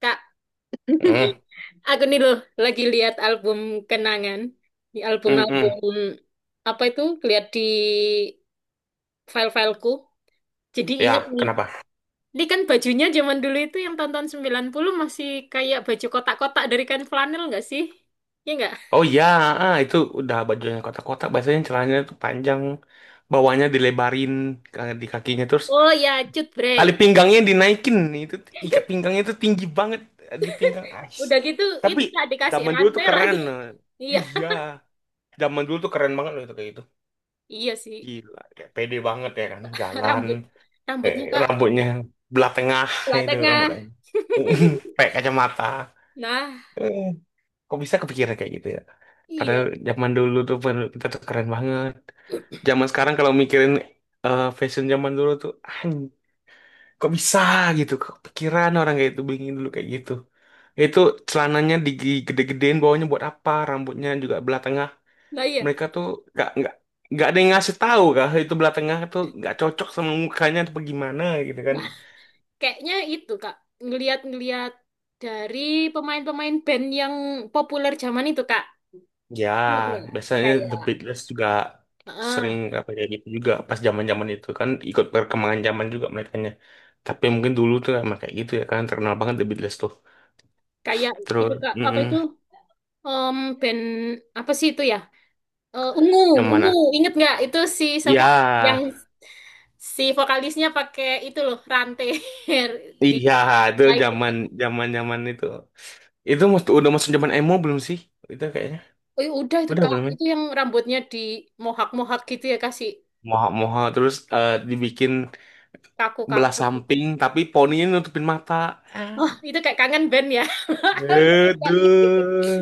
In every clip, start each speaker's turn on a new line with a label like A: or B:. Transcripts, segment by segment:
A: Kak,
B: Hmm,
A: aku nih loh lagi lihat album kenangan. Di
B: hmm.
A: album-album apa itu? Lihat di file-fileku. Jadi inget
B: Ya,
A: nih.
B: kenapa?
A: Ini kan bajunya zaman dulu itu yang tahun-tahun 90 masih kayak baju kotak-kotak dari kain flanel nggak sih? Iya nggak?
B: Oh iya, itu udah bajunya kotak-kotak. Biasanya celananya tuh panjang, bawahnya dilebarin di kakinya terus
A: Oh ya, cut
B: tali
A: Bray.
B: pinggangnya dinaikin. Itu ikat pinggangnya tuh tinggi banget di pinggang Ais.
A: Udah gitu
B: Tapi
A: itu nggak dikasih
B: zaman dulu tuh
A: rantai
B: keren.
A: lagi.
B: Eh.
A: Iya,
B: Iya, zaman dulu tuh keren banget loh itu kayak gitu.
A: iya sih.
B: Gila, kayak pede banget ya kan, jalan,
A: Rambut rambutnya Kak
B: rambutnya belah tengah
A: sebelah
B: itu
A: tengah.
B: rambutnya, pakai kacamata.
A: Nah,
B: Eh. Kok bisa kepikiran kayak gitu ya? Padahal
A: iya.
B: zaman dulu tuh kita tuh keren banget. Zaman sekarang kalau mikirin fashion zaman dulu tuh, kok bisa gitu? Kok kepikiran orang kayak itu bikin dulu kayak gitu? Itu celananya digede-gedein bawahnya buat apa? Rambutnya juga belah tengah.
A: Nah, iya.
B: Mereka tuh nggak nggak ada yang ngasih tahu kah itu belah tengah tuh nggak cocok sama mukanya atau gimana gitu kan?
A: Kayaknya itu Kak, ngeliat-ngeliat dari pemain-pemain band yang populer zaman itu Kak.
B: Ya,
A: Iya, iya.
B: biasanya The
A: Kayak
B: Beatles juga sering
A: ah,
B: apa ya gitu juga pas zaman-zaman itu kan ikut perkembangan zaman juga merekanya. Tapi mungkin dulu tuh emang kayak gitu ya kan terkenal banget The Beatles tuh.
A: kayak itu
B: Terus
A: Kak, apa itu? Band apa sih itu ya? Ungu,
B: yang
A: ungu,
B: mana?
A: inget nggak itu si siapa? Yang
B: Ya,
A: si vokalisnya pakai itu loh rantai di
B: iya itu
A: nah itu
B: zaman
A: Kak.
B: zaman zaman itu. Itu udah masuk zaman emo belum sih? Itu kayaknya.
A: Oh, ya udah itu
B: Udah
A: Kak,
B: belum ya?
A: itu yang rambutnya di mohak-mohak gitu ya kasih
B: Moha-moha terus dibikin belah
A: kaku-kaku gitu.
B: samping tapi poninya nutupin mata. Ah.
A: Oh, itu kayak kangen band ya. Iya, Kak.
B: Aduh,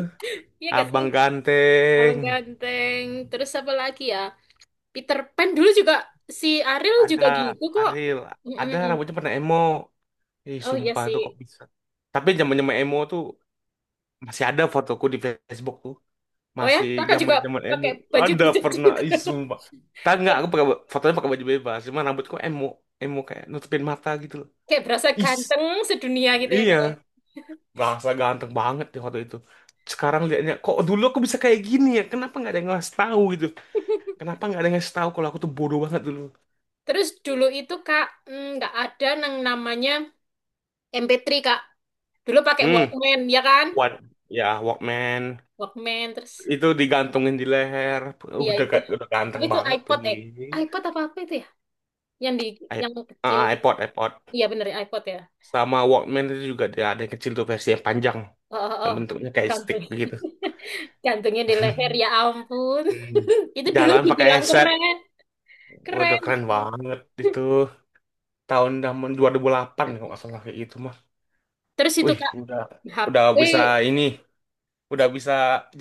A: Iya gak sih?
B: abang ganteng.
A: Abang ganteng. Terus apa lagi ya? Peter Pan dulu juga si Ariel
B: Ada
A: juga gitu kok.
B: Ariel, ada
A: Mm-mm.
B: rambutnya pernah emo. Ih,
A: Oh iya
B: sumpah itu kok
A: sih.
B: bisa. Tapi zaman-zaman emo tuh masih ada fotoku di Facebook tuh.
A: Oh ya,
B: Masih
A: kakak juga
B: zaman-zaman emo.
A: pakai baju
B: Ada
A: gitu
B: pernah,
A: juga.
B: ih sumpah. Tak nggak,
A: Kayak
B: aku pakai fotonya pakai baju bebas, cuma rambutku emo, emo kayak nutupin mata gitu loh.
A: kayak berasa
B: Is,
A: ganteng sedunia gitu ya kak. Ya.
B: iya, bahasa ganteng banget di foto itu. Sekarang liatnya, kok dulu aku bisa kayak gini ya? Kenapa nggak ada yang ngasih tahu gitu? Kenapa nggak ada yang ngasih tahu kalau aku tuh bodoh banget dulu?
A: Terus dulu itu kak nggak ada yang namanya MP3 kak. Dulu pakai
B: Hmm,
A: Walkman ya kan?
B: what? Ya, Walkman.
A: Walkman terus
B: Itu digantungin di leher
A: iya
B: udah
A: itu.
B: udah
A: Apa
B: ganteng
A: itu
B: banget tuh
A: iPod eh?
B: gini
A: iPod apa apa itu ya? Yang di
B: I-
A: yang kecil.
B: iPod iPod
A: Iya bener ya, iPod ya.
B: sama Walkman itu juga dia ada yang kecil tuh versi yang panjang
A: Oh, oh,
B: yang
A: oh.
B: bentuknya kayak stick
A: Gampang.
B: begitu.
A: Gantungnya di leher, ya ampun.
B: Hmm.
A: Itu dulu
B: Jalan pakai
A: dibilang
B: headset
A: keren,
B: udah
A: keren.
B: keren banget itu tahun zaman 2008 kalau nggak salah kayak gitu mah
A: Terus itu
B: wih
A: Kak,
B: udah
A: HP,
B: bisa ini udah bisa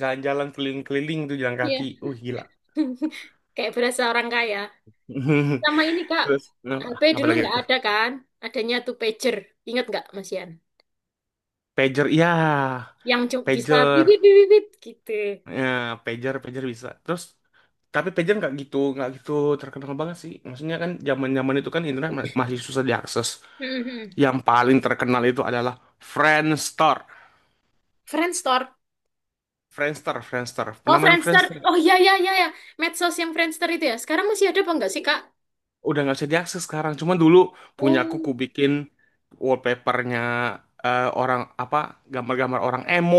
B: jalan-jalan keliling-keliling tuh jalan
A: ya.
B: kaki gila.
A: Kayak berasa orang kaya. Sama ini Kak,
B: Terus apa
A: HP
B: apa
A: dulu
B: lagi
A: nggak
B: itu
A: ada kan? Adanya tuh pager. Ingat nggak Mas Yan?
B: pager iya
A: Yang cuma bisa
B: pager
A: bibit bibit bibit, gitu.
B: ya pager pager bisa terus tapi pager nggak gitu terkenal banget sih maksudnya kan zaman zaman itu kan internet masih susah diakses
A: Mhm.
B: yang paling terkenal itu adalah Friendster.
A: Friendster.
B: Friendster
A: Oh,
B: pernah main
A: Friendster.
B: Friendster
A: Oh iya iya iya ya. Medsos yang Friendster itu ya. Sekarang masih ada apa enggak sih, Kak?
B: udah nggak bisa diakses sekarang cuma dulu punya aku
A: Oh,
B: ku bikin wallpapernya orang apa gambar-gambar orang emo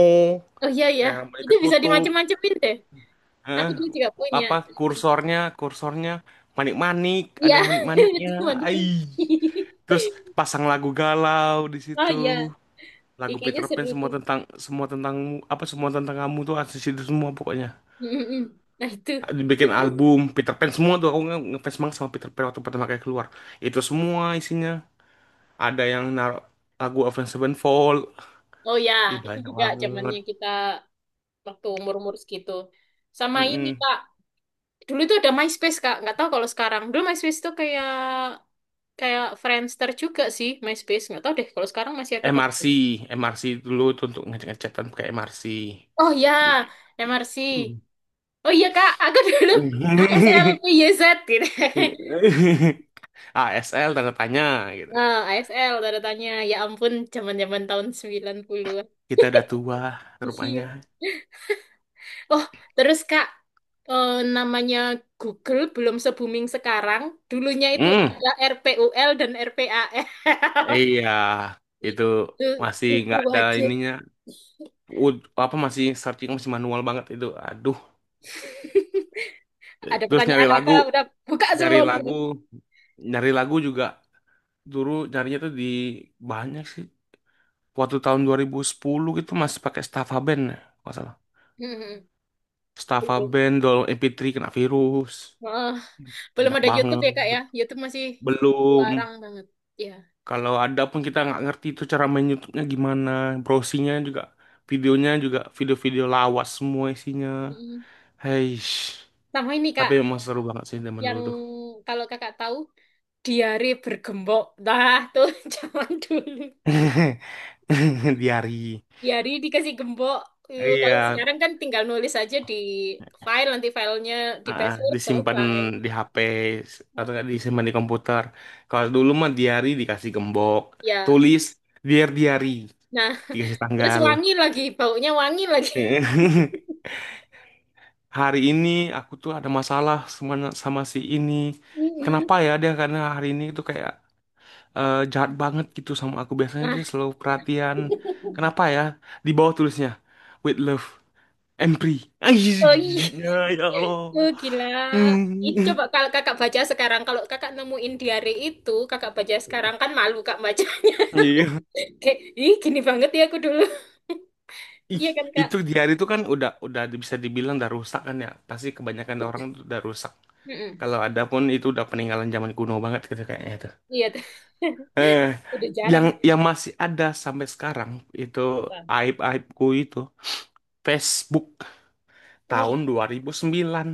A: oh iya ya.
B: kayak balik
A: Itu bisa
B: ketutup
A: dimacem-macemin deh.
B: eh,
A: Aku dulu juga punya.
B: apa kursornya kursornya manik-manik
A: Iya,
B: ada manik-maniknya
A: itu Monica.
B: ai. Terus pasang lagu galau di
A: Oh iya,
B: situ,
A: ih,
B: lagu
A: kayaknya
B: Peter Pan
A: seru tuh.
B: semua tentang apa semua tentang kamu tuh ada di situ semua pokoknya.
A: Mm-mm. Nah itu.
B: Dibikin album Peter Pan semua tuh aku ngefans banget sama Peter Pan waktu pertama kali keluar. Itu semua isinya. Ada yang naruh lagu Avenged Sevenfold,
A: Oh ya,
B: ih
A: itu
B: banyak
A: juga
B: banget.
A: zamannya kita waktu umur-umur segitu. Sama ini
B: Mm-mm.
A: Kak, dulu itu ada MySpace Kak, nggak tahu kalau sekarang. Dulu MySpace tuh kayak kayak Friendster juga sih MySpace. Nggak tahu deh kalau sekarang masih ada apa enggak.
B: MRC, MRC dulu tuh untuk ngecek-ngecekan pakai MRC.
A: Oh
B: Gitu.
A: ya, MRC. Oh iya Kak, aku dulu ASL YZ gitu.
B: ASL tanda tanya gitu.
A: Nah, ASL tanda tanya. Ya ampun, zaman-zaman tahun 90-an.
B: Kita udah tua rupanya.
A: Iya. Oh, terus Kak, eh, namanya Google belum se-booming sekarang. Dulunya itu
B: Hmm,
A: ada R P U L dan R P A L.
B: iya, itu
A: Itu
B: masih
A: buku
B: nggak ada
A: wajib.
B: ininya. Apa masih searching masih manual banget itu. Aduh,
A: Ada
B: terus nyari
A: pertanyaan apa?
B: lagu,
A: Udah buka
B: nyari
A: semua.
B: lagu, nyari lagu juga dulu nyarinya tuh di banyak sih. Waktu tahun 2010 gitu masih pakai Staffa Band, ya, nggak salah.
A: Hmm,
B: Staffa
A: belum.
B: Band, Dol MP3 kena virus,
A: Oh, belum
B: banyak
A: ada YouTube
B: banget.
A: ya Kak ya? YouTube masih
B: Belum.
A: larang banget. Ya.
B: Kalau ada pun kita nggak ngerti itu cara main YouTube-nya gimana, browsingnya juga, videonya juga video-video lawas semua isinya.
A: Hmm.
B: Hei,
A: Sama ini
B: tapi
A: Kak,
B: emang seru banget sih zaman
A: yang
B: dulu tuh.
A: kalau Kakak tahu, diare bergembok. Nah, tuh zaman dulu.
B: Diari.
A: Ya, dikasih gembok. Yuk,
B: Iya,
A: kalau sekarang kan tinggal nulis aja di file, nanti filenya di password
B: disimpan
A: selesai.
B: di HP atau nggak disimpan di komputer. Kalau dulu mah diari dikasih gembok,
A: Ya,
B: tulis biar diari,
A: nah
B: dikasih
A: terus
B: tanggal.
A: wangi lagi, baunya wangi lagi.
B: Hari ini aku tuh ada masalah sama, sama si ini.
A: Mm-mm.
B: Kenapa ya dia karena hari ini tuh kayak jahat banget gitu sama aku. Biasanya
A: Nah,
B: dia selalu perhatian. Kenapa ya? Di bawah tulisnya, with love. Empri. Anjir,
A: oh iya,
B: giginya ya Allah.
A: oh gila. Itu
B: Hmm.
A: coba kalau kakak baca sekarang, kalau kakak nemuin diary itu, kakak baca sekarang kan malu kak baca.
B: Iya.
A: Kayak, ih gini banget ya aku dulu.
B: Ih,
A: Iya kan kak?
B: itu di hari itu kan udah bisa dibilang udah rusak kan ya. Pasti kebanyakan orang tuh udah rusak.
A: Mm-mm.
B: Kalau ada pun itu udah peninggalan zaman kuno banget gitu kayaknya tuh.
A: Iya,
B: Eh,
A: udah jarang.
B: yang masih ada sampai sekarang itu aib-aibku itu Facebook
A: Oh,
B: tahun 2009.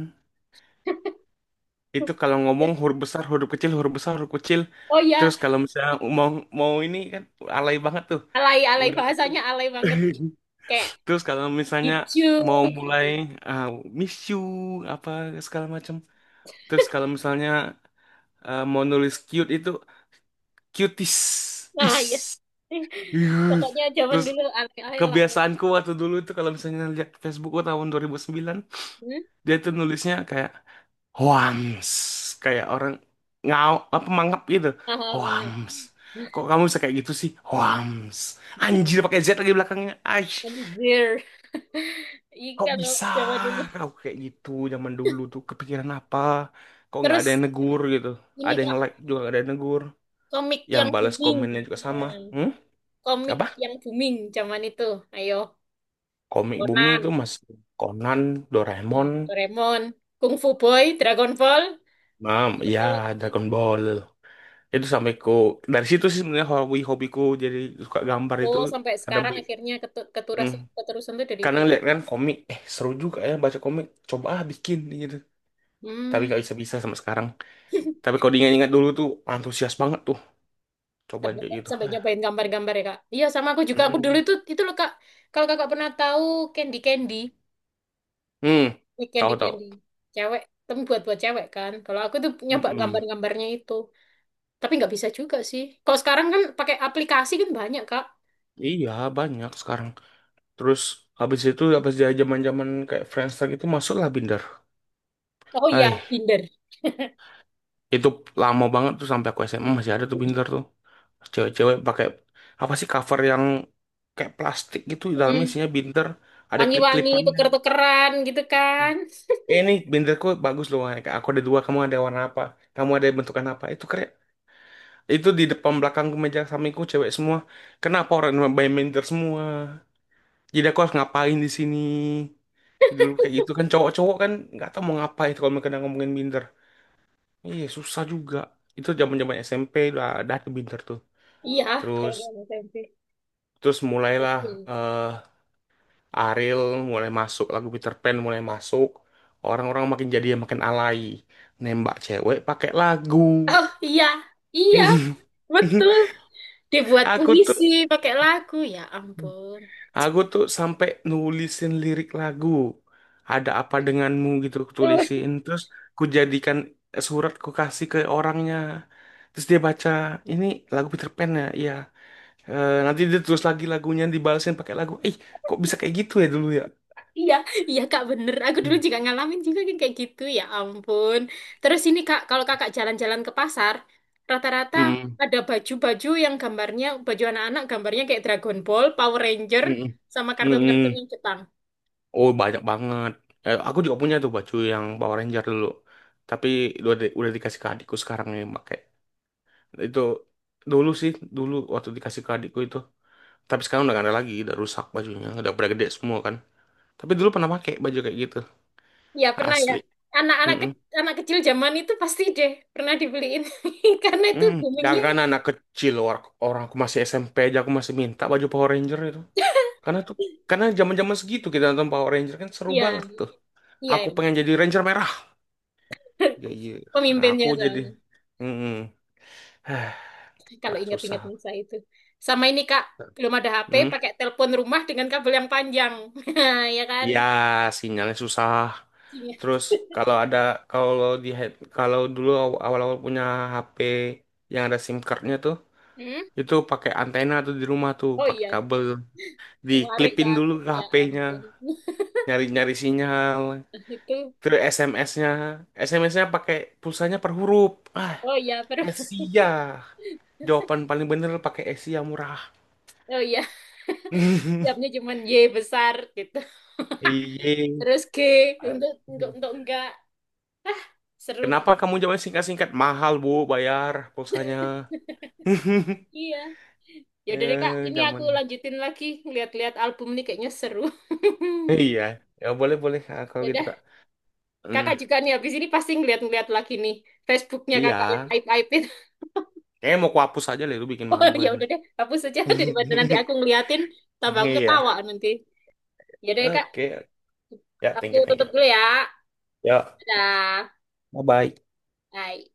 B: Itu kalau ngomong huruf besar, huruf kecil, huruf besar, huruf kecil.
A: oh ya,
B: Terus kalau misalnya mau mau ini kan alay banget tuh.
A: alay alay
B: Udah gitu.
A: bahasanya alay banget kayak
B: Terus kalau misalnya
A: hijau
B: mau
A: gitu
B: mulai ah, miss you apa segala macam. Terus kalau misalnya mau nulis cute itu cuties.
A: nah ya
B: Is. Ih.
A: pokoknya zaman
B: Terus
A: dulu alay alay lah.
B: kebiasaanku waktu dulu itu kalau misalnya lihat Facebookku tahun 2009,
A: Hmm?
B: dia tuh nulisnya kayak hoams, kayak orang ngau apa mangap gitu.
A: Mahal banget.
B: Hoams. Kok kamu bisa kayak gitu sih? Hoams. Anjir pakai Z lagi belakangnya. Ay.
A: Anjir. Iya
B: Kok
A: kalau
B: bisa
A: zaman dulu
B: kau kayak gitu zaman dulu tuh kepikiran apa? Kok nggak ada
A: terus
B: yang negur gitu?
A: ini
B: Ada yang
A: kak
B: like juga nggak ada yang negur.
A: komik
B: Yang
A: yang
B: balas
A: booming.
B: komennya juga sama.
A: Hmm,
B: Hmm?
A: komik
B: Apa?
A: yang booming zaman itu ayo
B: Komik booming
A: Conan.
B: itu masih Conan,
A: Hmm,
B: Doraemon,
A: Doraemon Kung Fu Boy Dragon Ball
B: Mam, ya
A: apalagi.
B: Dragon Ball. Itu sampai ku dari situ sih sebenarnya hobi-hobiku jadi suka gambar itu
A: Oh sampai
B: ada
A: sekarang
B: beli.
A: akhirnya ketu-
B: Hmm.
A: keterusan keterusan tuh dari
B: Karena
A: itu.
B: lihat kan komik, eh seru juga ya baca komik. Coba ah bikin gitu. Tapi
A: Hmm.
B: nggak bisa-bisa sama sekarang. Tapi kalau diingat-ingat dulu tuh antusias banget tuh coba
A: Sampai,
B: kayak gitu.
A: sampai nyobain gambar-gambar ya kak. Iya sama aku juga. Aku dulu
B: Hmm,
A: itu loh kak. Kalau kakak pernah tahu Candy Candy,
B: hmm,
A: Candy
B: tahu tahu.
A: Candy, cewek, tapi buat buat cewek kan. Kalau aku tuh nyoba
B: Mm-mm.
A: gambar-gambarnya itu, tapi nggak bisa juga sih. Kalau sekarang kan pakai aplikasi kan banyak kak.
B: Iya banyak sekarang. Terus habis itu habis dia zaman-zaman kayak Friendster itu masuklah Binder.
A: Oh iya,
B: Ay,
A: Tinder.
B: itu lama banget tuh sampai aku SMA masih ada tuh Binder tuh. Cewek-cewek pakai apa sih cover yang kayak plastik gitu dalamnya
A: Mm.
B: isinya Binder, ada
A: Wangi-wangi,
B: klip-klipannya.
A: tuker-tukeran gitu kan.
B: Eh, ini binderku bagus loh Wan. Aku ada dua, kamu ada warna apa? Kamu ada bentukan apa? Itu keren. Itu di depan belakang meja sampingku cewek semua. Kenapa orang main binder semua? Jadi aku harus ngapain di sini? Dulu kayak gitu kan cowok-cowok kan nggak tahu mau ngapain kalau mereka udah ngomongin binder. Iya susah juga. Itu zaman-zaman SMP udah ada tuh binder tuh.
A: Iya,
B: Terus
A: cewek-cewek selfie.
B: terus mulailah
A: Oke.
B: eh Ariel mulai masuk lagu Peter Pan mulai masuk. Orang-orang makin jadi yang makin alay. Nembak cewek pakai lagu.
A: Oh iya, iya, betul. Dibuat
B: Aku tuh
A: puisi pakai lagu, ya ampun.
B: Aku tuh sampai nulisin lirik lagu. Ada apa denganmu gitu aku tulisin. Terus ku jadikan surat ku kasih ke orangnya. Terus dia baca, ini lagu Peter Pan ya? Iya. Eh, nanti dia terus lagi lagunya dibalesin pakai lagu. Eh, kok bisa kayak gitu ya dulu ya?
A: Iya, iya kak bener. Aku dulu
B: Hmm.
A: juga ngalamin juga yang kayak gitu ya ampun. Terus ini kak, kalau kakak jalan-jalan ke pasar, rata-rata
B: Hmm.
A: ada baju-baju yang gambarnya, baju anak-anak gambarnya kayak Dragon Ball, Power Ranger,
B: Hmm.
A: sama
B: Hmm. Hmm,
A: kartun-kartun yang
B: hmm.
A: Jepang.
B: Oh, banyak banget. Eh, aku juga punya tuh baju yang Power Ranger dulu. Tapi udah, udah dikasih ke adikku sekarang yang pakai. Itu dulu sih, dulu waktu dikasih ke adikku itu. Tapi sekarang udah gak ada lagi, udah rusak bajunya, udah pada gede semua kan. Tapi dulu pernah pakai baju kayak gitu,
A: Iya pernah ya.
B: asli.
A: Anak-anak
B: Mm-mm.
A: ke- anak kecil zaman itu pasti deh pernah dibeliin karena itu
B: Mm. Jangan
A: boomingnya.
B: kan anak kecil, orang aku masih SMP aja aku masih minta baju Power Ranger itu. Karena tuh, karena zaman-zaman segitu kita nonton Power Ranger kan seru
A: Iya,
B: banget tuh.
A: iya,
B: Aku
A: emang.
B: pengen jadi Ranger merah. Ya iya, nah,
A: Pemimpinnya
B: aku jadi,
A: soalnya.
B: mm
A: Kalau
B: Lah susah.
A: ingat-ingat masa itu. Sama ini Kak, belum ada HP,
B: Hmm?
A: pakai telepon rumah dengan kabel yang panjang. Ya kan?
B: Ya, sinyalnya susah. Terus kalau ada kalau di kalau dulu awal-awal punya HP yang ada SIM cardnya tuh,
A: Hmm?
B: itu pakai antena tuh di rumah tuh,
A: Oh
B: pakai
A: iya,
B: kabel,
A: warik
B: diklipin
A: Kak.
B: dulu ke
A: Ya
B: HP-nya,
A: ampun.
B: nyari-nyari sinyal.
A: Itu,
B: Terus SMS-nya, SMS-nya pakai pulsanya per huruf. Ah,
A: oh iya, terus,
B: Asia. Jawaban paling bener pakai Asia murah.
A: oh iya, siapnya cuma Y besar gitu.
B: Iya.
A: Terus G, untuk enggak. Ah, seru.
B: Kenapa kamu jawab singkat-singkat? Mahal, Bu, bayar pulsanya.
A: Iya. Ya udah deh Kak,
B: eh
A: ini aku
B: zaman.
A: lanjutin lagi. Lihat-lihat album nih kayaknya seru.
B: Iya. Ya boleh boleh Kak, kalau
A: Ya
B: gitu
A: udah,
B: Kak. Hmm,
A: Kakak juga nih habis ini pasti ngeliat-ngeliat lagi nih. Facebooknya Kakak yang
B: iya.
A: aib-aibin.
B: Kayaknya mau kuhapus aja deh lu bikin
A: Oh
B: malu
A: ya
B: aja.
A: udah deh, hapus saja daripada nanti aku ngeliatin tambah aku
B: Iya.
A: ketawa nanti. Ya deh Kak,
B: Oke. Ya,
A: aku
B: thank you, thank
A: tutup
B: you.
A: dulu ya.
B: Ya,
A: Dadah.
B: bye-bye.
A: Bye.